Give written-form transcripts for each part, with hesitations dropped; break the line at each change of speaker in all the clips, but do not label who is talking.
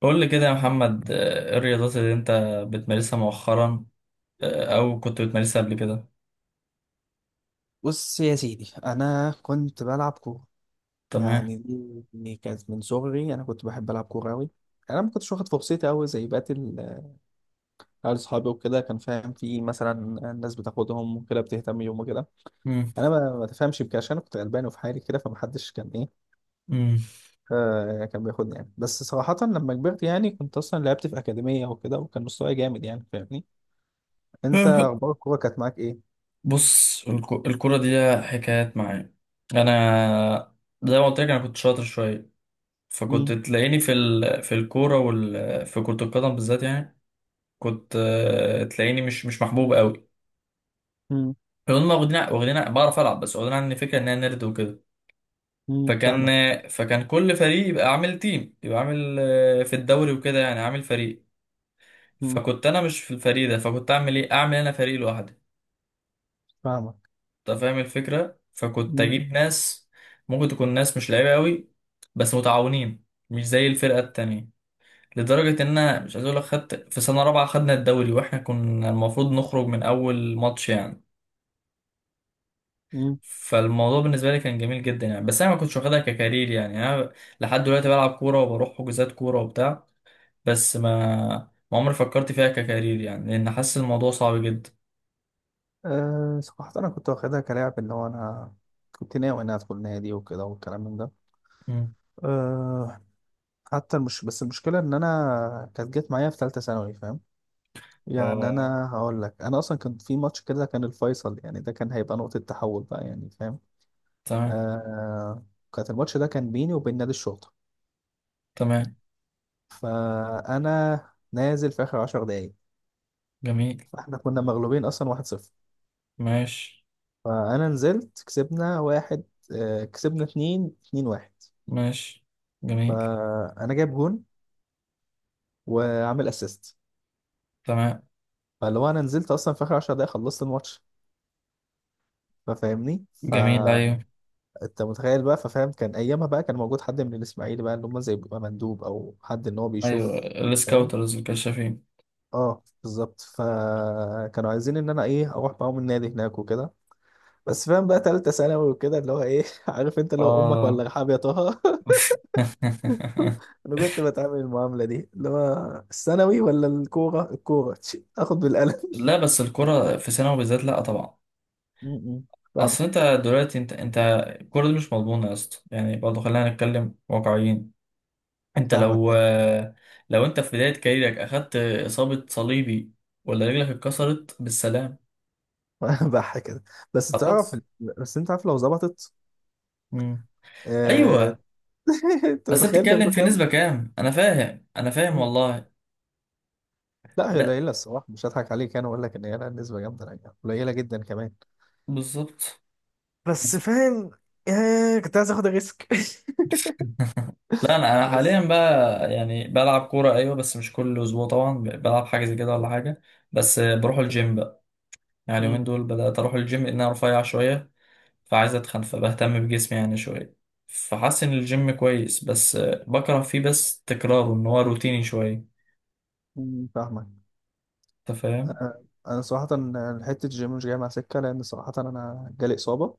قول لي كده يا محمد، ايه الرياضات اللي انت بتمارسها مؤخرا؟ او كنت بتمارسها قبل كده؟
بص يا سيدي، انا كنت بلعب كوره.
تمام.
يعني دي كانت من صغري. انا كنت بحب العب كوره قوي. انا ما كنتش واخد فرصتي قوي زي بقيه عيال اصحابي وكده. كان فاهم؟ في مثلا الناس بتاخدهم وكده، بتهتم بيهم وكده.
مم.
انا ما تفهمش بكده عشان أنا كنت غلبان وفي حالي كده، فمحدش كان ايه،
مم.
كان بياخدني يعني. بس صراحه لما كبرت، يعني كنت اصلا لعبت في اكاديميه وكده، وكان مستواي جامد يعني. فاهمني؟ انت اخبار الكوره كانت معاك ايه؟
بص، الكرة دي ليها حكايات معايا. انا زي ما قلت لك، انا كنت شاطر شوية، فكنت
امم.
تلاقيني في الكورة، في كرة القدم بالذات يعني. كنت تلاقيني مش محبوب قوي.
امم.
هم واخدين بعرف العب، بس واخدين عني فكرة ان انا نرد وكده.
امم،
فكان
فاهمك.
فكان كل فريق يبقى عامل تيم، يبقى عامل في الدوري وكده، يعني عامل فريق.
امم،
فكنت انا مش في الفريق ده، فكنت اعمل ايه؟ اعمل انا فريق لوحدي.
فاهمك.
انت فاهم الفكره؟ فكنت اجيب ناس، ممكن تكون ناس مش لعيبه قوي بس متعاونين، مش زي الفرقه التانية. لدرجه ان انا مش عايز اقول لك، خدت في سنه رابعه خدنا الدوري، واحنا كنا المفروض نخرج من اول ماتش يعني.
امم.
فالموضوع بالنسبه لي كان جميل جدا يعني، بس انا ما كنتش واخدها ككارير يعني. انا لحد دلوقتي بلعب كوره وبروح حجوزات كوره وبتاع، بس ما عمري فكرت فيها ككارير يعني، لأن حاسس الموضوع صعب جدا.
أه صراحة أنا كنت واخدها كلاعب، اللي هو أنا كنت ناوي إن أنا أدخل نادي وكده والكلام من ده.
مم.
أه، حتى مش بس، المشكلة إن أنا كانت جت معايا في تالتة ثانوي. فاهم يعني؟
اه،
أنا هقول لك، أنا أصلا كان في ماتش كده كان الفيصل يعني، ده كان هيبقى نقطة تحول بقى يعني. فاهم؟
تمام.
أه، كانت الماتش ده كان بيني وبين نادي الشرطة.
تمام.
فأنا نازل في آخر عشر دقايق.
جميل.
فإحنا كنا مغلوبين أصلا واحد صفر.
ماشي.
فأنا نزلت كسبنا واحد، أه كسبنا اتنين، اتنين واحد.
ماشي. جميل.
فانا جايب جون وعامل اسيست.
تمام.
فاللي هو انا نزلت اصلا في اخر 10 دقايق، خلصت الماتش. ففاهمني؟
جميل، أيوه.
فانت متخيل بقى. ففاهم، كان ايامها بقى كان موجود حد من الاسماعيلي بقى، اللي هم زي بيبقى مندوب او حد ان هو
أيوه،
بيشوف. فاهم؟
السكاوترز الكشافين.
اه بالظبط. فكانوا عايزين ان انا ايه، اروح معاهم النادي هناك وكده. بس فاهم بقى، تالتة ثانوي وكده اللي هو ايه. عارف انت اللي هو امك
اه.
ولا رحاب يا طه. انا كنت بتعامل المعاملة دي، اللي هو الثانوي ولا الكورة؟ الكورة اخد بالقلم.
لا، بس الكرة في ثانوي بالذات، لا طبعا.
م- م. فاهمك.
أصل أنت، دلوقتي أنت الكرة دي مش مضمونة يا اسطى، يعني برضه خلينا نتكلم واقعيين. انت
فاهمك.
لو
ايه
لو انت في بداية كاريرك اخدت اصابة صليبي، ولا رجلك اتكسرت بالسلام.
بح كده. بس تعرف،
خلاص.
بس انت عارف لو ظبطت.
مم.
آه...
ايوه،
انت
بس انت
متخيل
بتتكلم
بياخدوا
في
كام؟
نسبة كام؟ انا فاهم، انا فاهم
مم.
والله.
لا هي
لا،
قليله الصراحه، مش هضحك عليك. انا اقول لك ان هي لا نسبه جامده لا، يعني قليله جدا كمان.
بالظبط.
بس
بالظبط.
فاهم. آه... كنت عايز اخد الريسك.
لا، انا انا حاليا
بس.
بقى يعني بلعب كورة ايوه، بس مش كل اسبوع طبعا، بلعب حاجة زي كده ولا حاجة. بس بروح الجيم بقى. يعني اليومين
مم.
دول بدأت اروح الجيم، لان انا رفيع شوية، فعايز اتخن فبهتم بجسمي يعني شويه. فحاسس ان الجيم كويس بس، بكره فيه، بس تكراره ان هو روتيني شويه.
مم، فاهمك.
انت فاهم؟
انا صراحه حته الجيم مش جايه مع سكه، لان صراحه انا جالي اصابه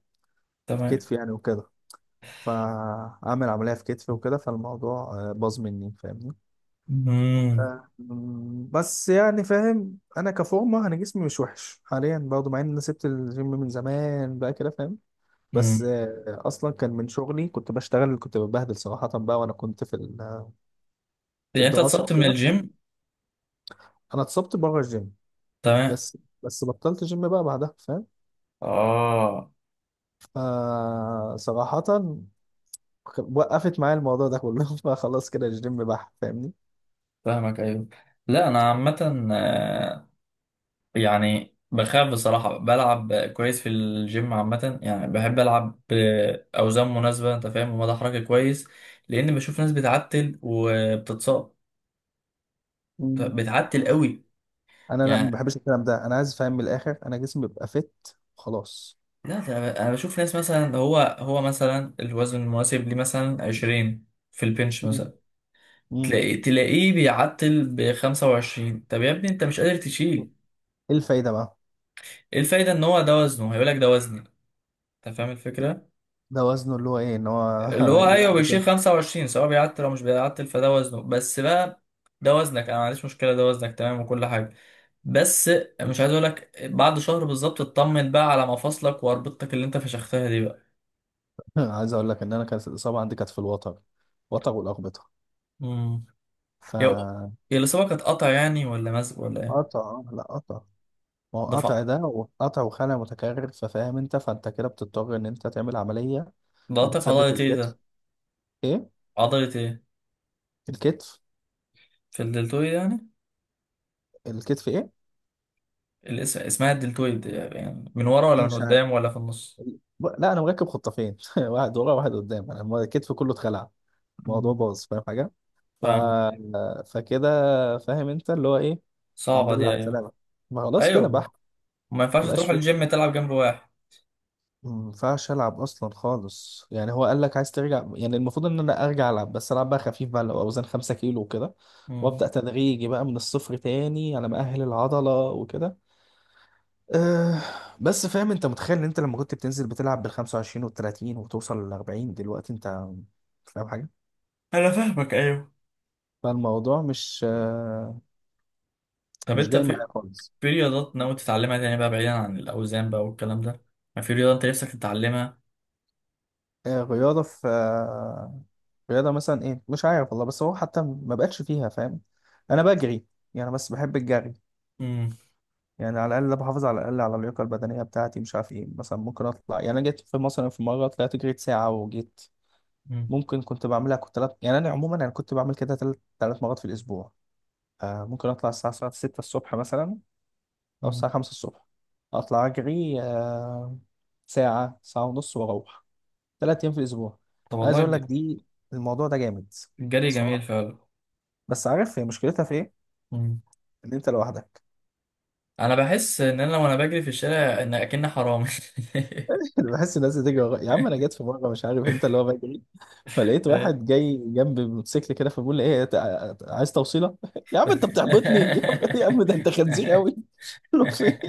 في
تمام.
كتفي يعني وكده. فاعمل عمليه في كتفي وكده، فالموضوع باظ مني. فاهمني؟ ف...
امم
مم، بس يعني فاهم، انا كفورمه انا جسمي مش وحش حاليا، برضه مع ان انا سبت الجيم من زمان بقى كده. فاهم؟
امم
بس اصلا كان من شغلي. كنت بشتغل، كنت ببهدل صراحه بقى. وانا كنت في في
يعني انت
الدراسه
اتصبت من
وكده.
الجيم؟
انا اتصبت بره الجيم.
تمام.
بس بطلت جيم بقى بعدها. فاهم؟
اه،
آه صراحه، وقفت معايا الموضوع ده كله. فخلاص كده الجيم بح. فاهمني؟
فاهمك. ايوه. لا، انا عامه، يعني بخاف بصراحه، بلعب كويس في الجيم عامه، يعني بحب العب باوزان مناسبه انت فاهم، ومدى حركه كويس. لان بشوف ناس بتعتل وبتتصاب،
مم.
بتعتل قوي
انا لا، ما
يعني.
بحبش الكلام ده. انا عايز فاهم من الاخر، انا جسمي بيبقى فت وخلاص.
لا، ده انا بشوف ناس مثلا، هو مثلا الوزن المناسب ليه مثلا 20 في البنش
مم.
مثلا،
مم.
تلاقيه بيعتل ب 25. طب يا ابني، انت مش قادر تشيل.
ايه الفايده بقى؟
ايه الفايدة؟ ان هو ده وزنه، هيقول لك ده وزني. انت فاهم الفكرة.
ده وزنه اللي هو ايه، ان هو
اللي هو ايوه،
يلعب
بيشيل
بكام.
25 سواء بيعتل او مش بيعتل، فده وزنه بس بقى. ده وزنك، انا ما عنديش مشكلة، ده وزنك تمام وكل حاجة. بس مش عايز اقول لك، بعد شهر بالظبط اطمن بقى على مفاصلك واربطتك اللي انت فشختها دي.
عايز اقول لك ان انا كانت الاصابه عندي كانت في الوتر، وتر والاقبطه.
بقى هي
فقطع.
هي الإصابة كانت قطع يعني، ولا مزق ولا إيه؟
لا قطع. ما هو
ده
قطع،
ف-
ده وقطع وخلع متكرر. ففاهم انت، فانت كده بتضطر ان انت تعمل عمليه
ده قطع في
وبتثبت
عضلة إيه
الكتف.
ده؟
ايه؟
عضلة إيه؟
الكتف.
في الدلتويد يعني؟
الكتف. ايه
الاسم اسمها الدلتويد يعني؟ من ورا ولا من
مش عارف.
قدام ولا في النص؟
لا انا مركب خطافين واحد ورا واحد قدام. انا الكتف كله اتخلع. الموضوع
مم.
باظ. فاهم حاجه؟ ف...
فاهمك.
فكده. فاهم انت اللي هو ايه. الحمد
صعبة
لله
دي،
على
أيوه.
السلامة. ما خلاص كده
أيوه.
بح.
ما ينفعش
ما بقاش
تروح
فيه،
الجيم تلعب جنب واحد.
ما ينفعش العب اصلا خالص يعني. هو قال لك عايز ترجع يعني، المفروض ان انا ارجع العب، بس العب بقى خفيف بقى لو اوزان 5 كيلو وكده،
مم.
وابدا تدريجي بقى من الصفر تاني على ما اهل العضله وكده. أه. بس فاهم، انت متخيل ان انت لما كنت بتنزل بتلعب بال 25 وال 30 وتوصل لل 40، دلوقتي انت فاهم حاجه.
أنا فاهمك، أيوه.
فالموضوع مش
طب
مش
أنت
جاي
في
معايا خالص.
في رياضات ناوي تتعلمها تاني بقى، بعيدا عن الأوزان بقى والكلام ده؟ ما في رياضة أنت نفسك تتعلمها؟
رياضة، في رياضة مثلا ايه، مش عارف والله. بس هو حتى ما بقتش فيها. فاهم؟ انا بجري يعني، بس بحب الجري
مم.
يعني. على الاقل بحافظ على الاقل على اللياقة البدنية بتاعتي. مش عارف ايه مثلا، ممكن اطلع. يعني انا جيت في مثلا في مرة طلعت جريت ساعة وجيت.
مم.
ممكن كنت بعملها، كنت تلات، يعني انا عموما انا كنت بعمل كده تلات مرات في الاسبوع. آه ممكن اطلع الساعة 6 الصبح مثلا، او
مم.
الساعة 5 الصبح. اطلع اجري آه ساعة ساعة ونص واروح، ثلاث ايام في الاسبوع.
طب
عايز
والله،
اقول لك دي، الموضوع ده جامد
الجري جميل
صراحه.
فعلا.
بس عارف هي مشكلتها في ايه؟
مم.
ان انت لوحدك.
انا بحس ان انا، وانا بجري في الشارع، ان اكن حرامي.
أنا بحس الناس بتجري ورايا يا عم. انا جيت في مره، مش عارف انت، اللي هو بجري، فلقيت واحد جاي جنب موتوسيكل كده، فبقول له ايه، عايز توصيله. يا عم انت بتحبطني. يا عم، يا عم ده انت خنزير قوي. قلت له في إيه؟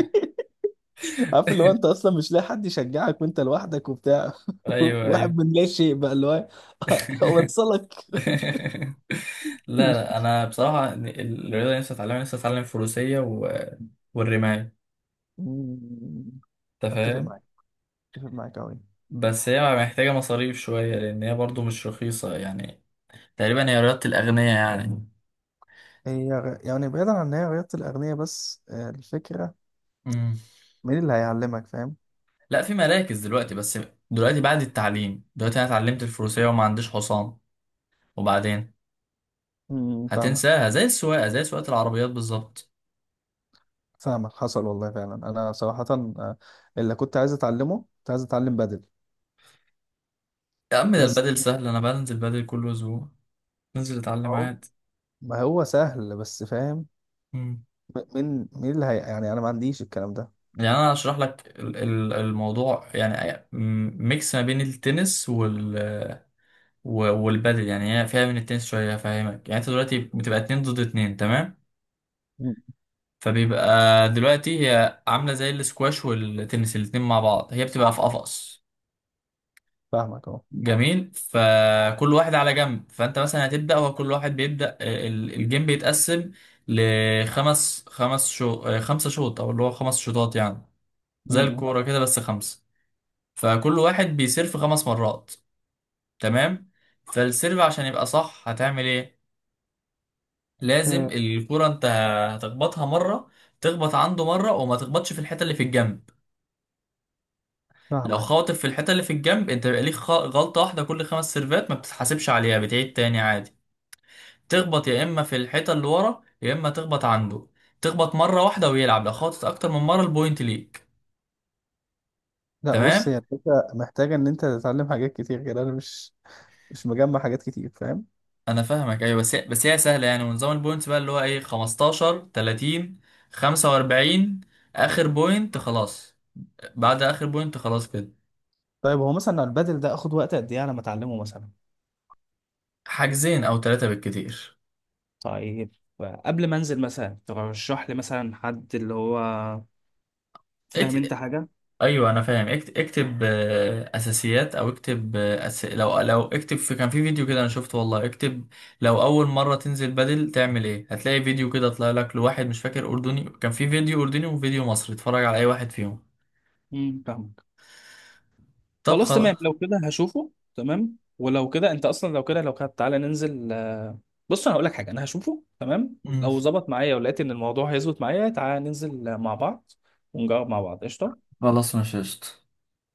عارف اللي هو انت اصلا مش لاقي حد يشجعك وانت لوحدك وبتاع.
ايوه، ايوه.
واحد من لا شيء بقى، اللي هو اوصلك.
لا، لا، انا بصراحه الرياضه نفسي اتعلم فروسيه، والرمايه.
أمم،
انت
اتفق
فاهم؟
معاك. اتفق معاك قوي.
بس هي محتاجه مصاريف شويه، لان هي برضو مش رخيصه يعني. تقريبا هي رياضه الاغنياء يعني.
هي يعني بعيدا عن ان هي رياضة الأغنياء، بس الفكرة
مم.
مين اللي هيعلمك. فاهم؟
لا، في مراكز دلوقتي. بس دلوقتي بعد التعليم، دلوقتي انا اتعلمت الفروسيه وما عنديش حصان، وبعدين
مم، فاهمك.
هتنساها، زي السواقة، زي سواقة العربيات بالظبط.
فاهمك حصل والله فعلا. أنا صراحة آه، اللي كنت عايز أتعلمه كنت عايز أتعلم بدل.
يا عم، ده
بس
البدل سهل، أنا بنزل بدل كل أسبوع. ننزل أتعلم
أهو،
عادي.
ما هو سهل. بس فاهم،
مم.
مين اللي هي يعني، أنا ما عنديش الكلام ده.
يعني أنا هشرح لك الموضوع، يعني ميكس ما بين التنس والبدل يعني. هي فيها من التنس شوية، هفهمك. يعني أنت دلوقتي بتبقى اتنين ضد اتنين، تمام؟
مم.
فبيبقى دلوقتي هي عاملة زي الاسكواش والتنس الاتنين مع بعض، هي بتبقى في قفص.
فاهمك أهو.
جميل. فكل واحد على جنب، فانت مثلا هتبدا، هو كل واحد بيبدا الجيم بيتقسم لخمس خمس شو آه، خمسه شوط، او اللي هو خمس شوطات يعني. زي
مم.
الكوره كده، بس خمسه. فكل واحد بيسيرف خمس مرات. تمام. فالسيرف عشان يبقى صح هتعمل ايه؟ لازم
آه،
الكوره انت هتخبطها مره، تخبط عنده مره، وما تخبطش في الحته اللي في الجنب. لو
فاهمك.
خاطف في الحته اللي في الجنب، انت بيبقى ليك غلطه واحده، كل خمس سيرفات ما بتتحاسبش عليها، بتعيد تاني عادي. تخبط يا اما في الحيطه اللي ورا، يا اما تخبط عنده. تخبط مره واحده ويلعب، لو خبطت اكتر من مره البوينت ليك.
لا
تمام.
بص، هي الفكرة محتاجة إن أنت تتعلم حاجات كتير كده. أنا مش مش مجمع حاجات كتير. فاهم؟
انا فاهمك ايوه، بس هي سهله يعني. ونظام البوينتس بقى، اللي هو ايه، 15 30 45. اخر بوينت خلاص. بعد اخر بوينت خلاص كده.
طيب هو مثلا البدل ده آخد وقت قد إيه على ما أتعلمه مثلا؟
حاجزين او ثلاثه بالكتير.
طيب، قبل ما انزل مثلا ترشح لي مثلا حد اللي هو، فاهم انت حاجه.
ايوه انا فاهم، اكتب اساسيات، او اكتب لو اكتب. في كان في فيديو كده انا شفته والله، اكتب لو اول مره تنزل بدل تعمل ايه. هتلاقي فيديو كده طلع لك لواحد مش فاكر اردني، كان في فيديو اردني وفيديو مصري، اتفرج على اي واحد فيهم.
امم، فاهمك.
طب
خلاص تمام.
خلاص.
لو كده هشوفه تمام. ولو كده انت اصلا، لو كده، تعالى ننزل بص انا هقول لك حاجه، انا هشوفه تمام،
مم.
لو ظبط معايا ولقيت ان الموضوع هيظبط معايا، تعالى ننزل مع بعض، ونجرب مع بعض. قشطه.
خلاص، مش قشطة.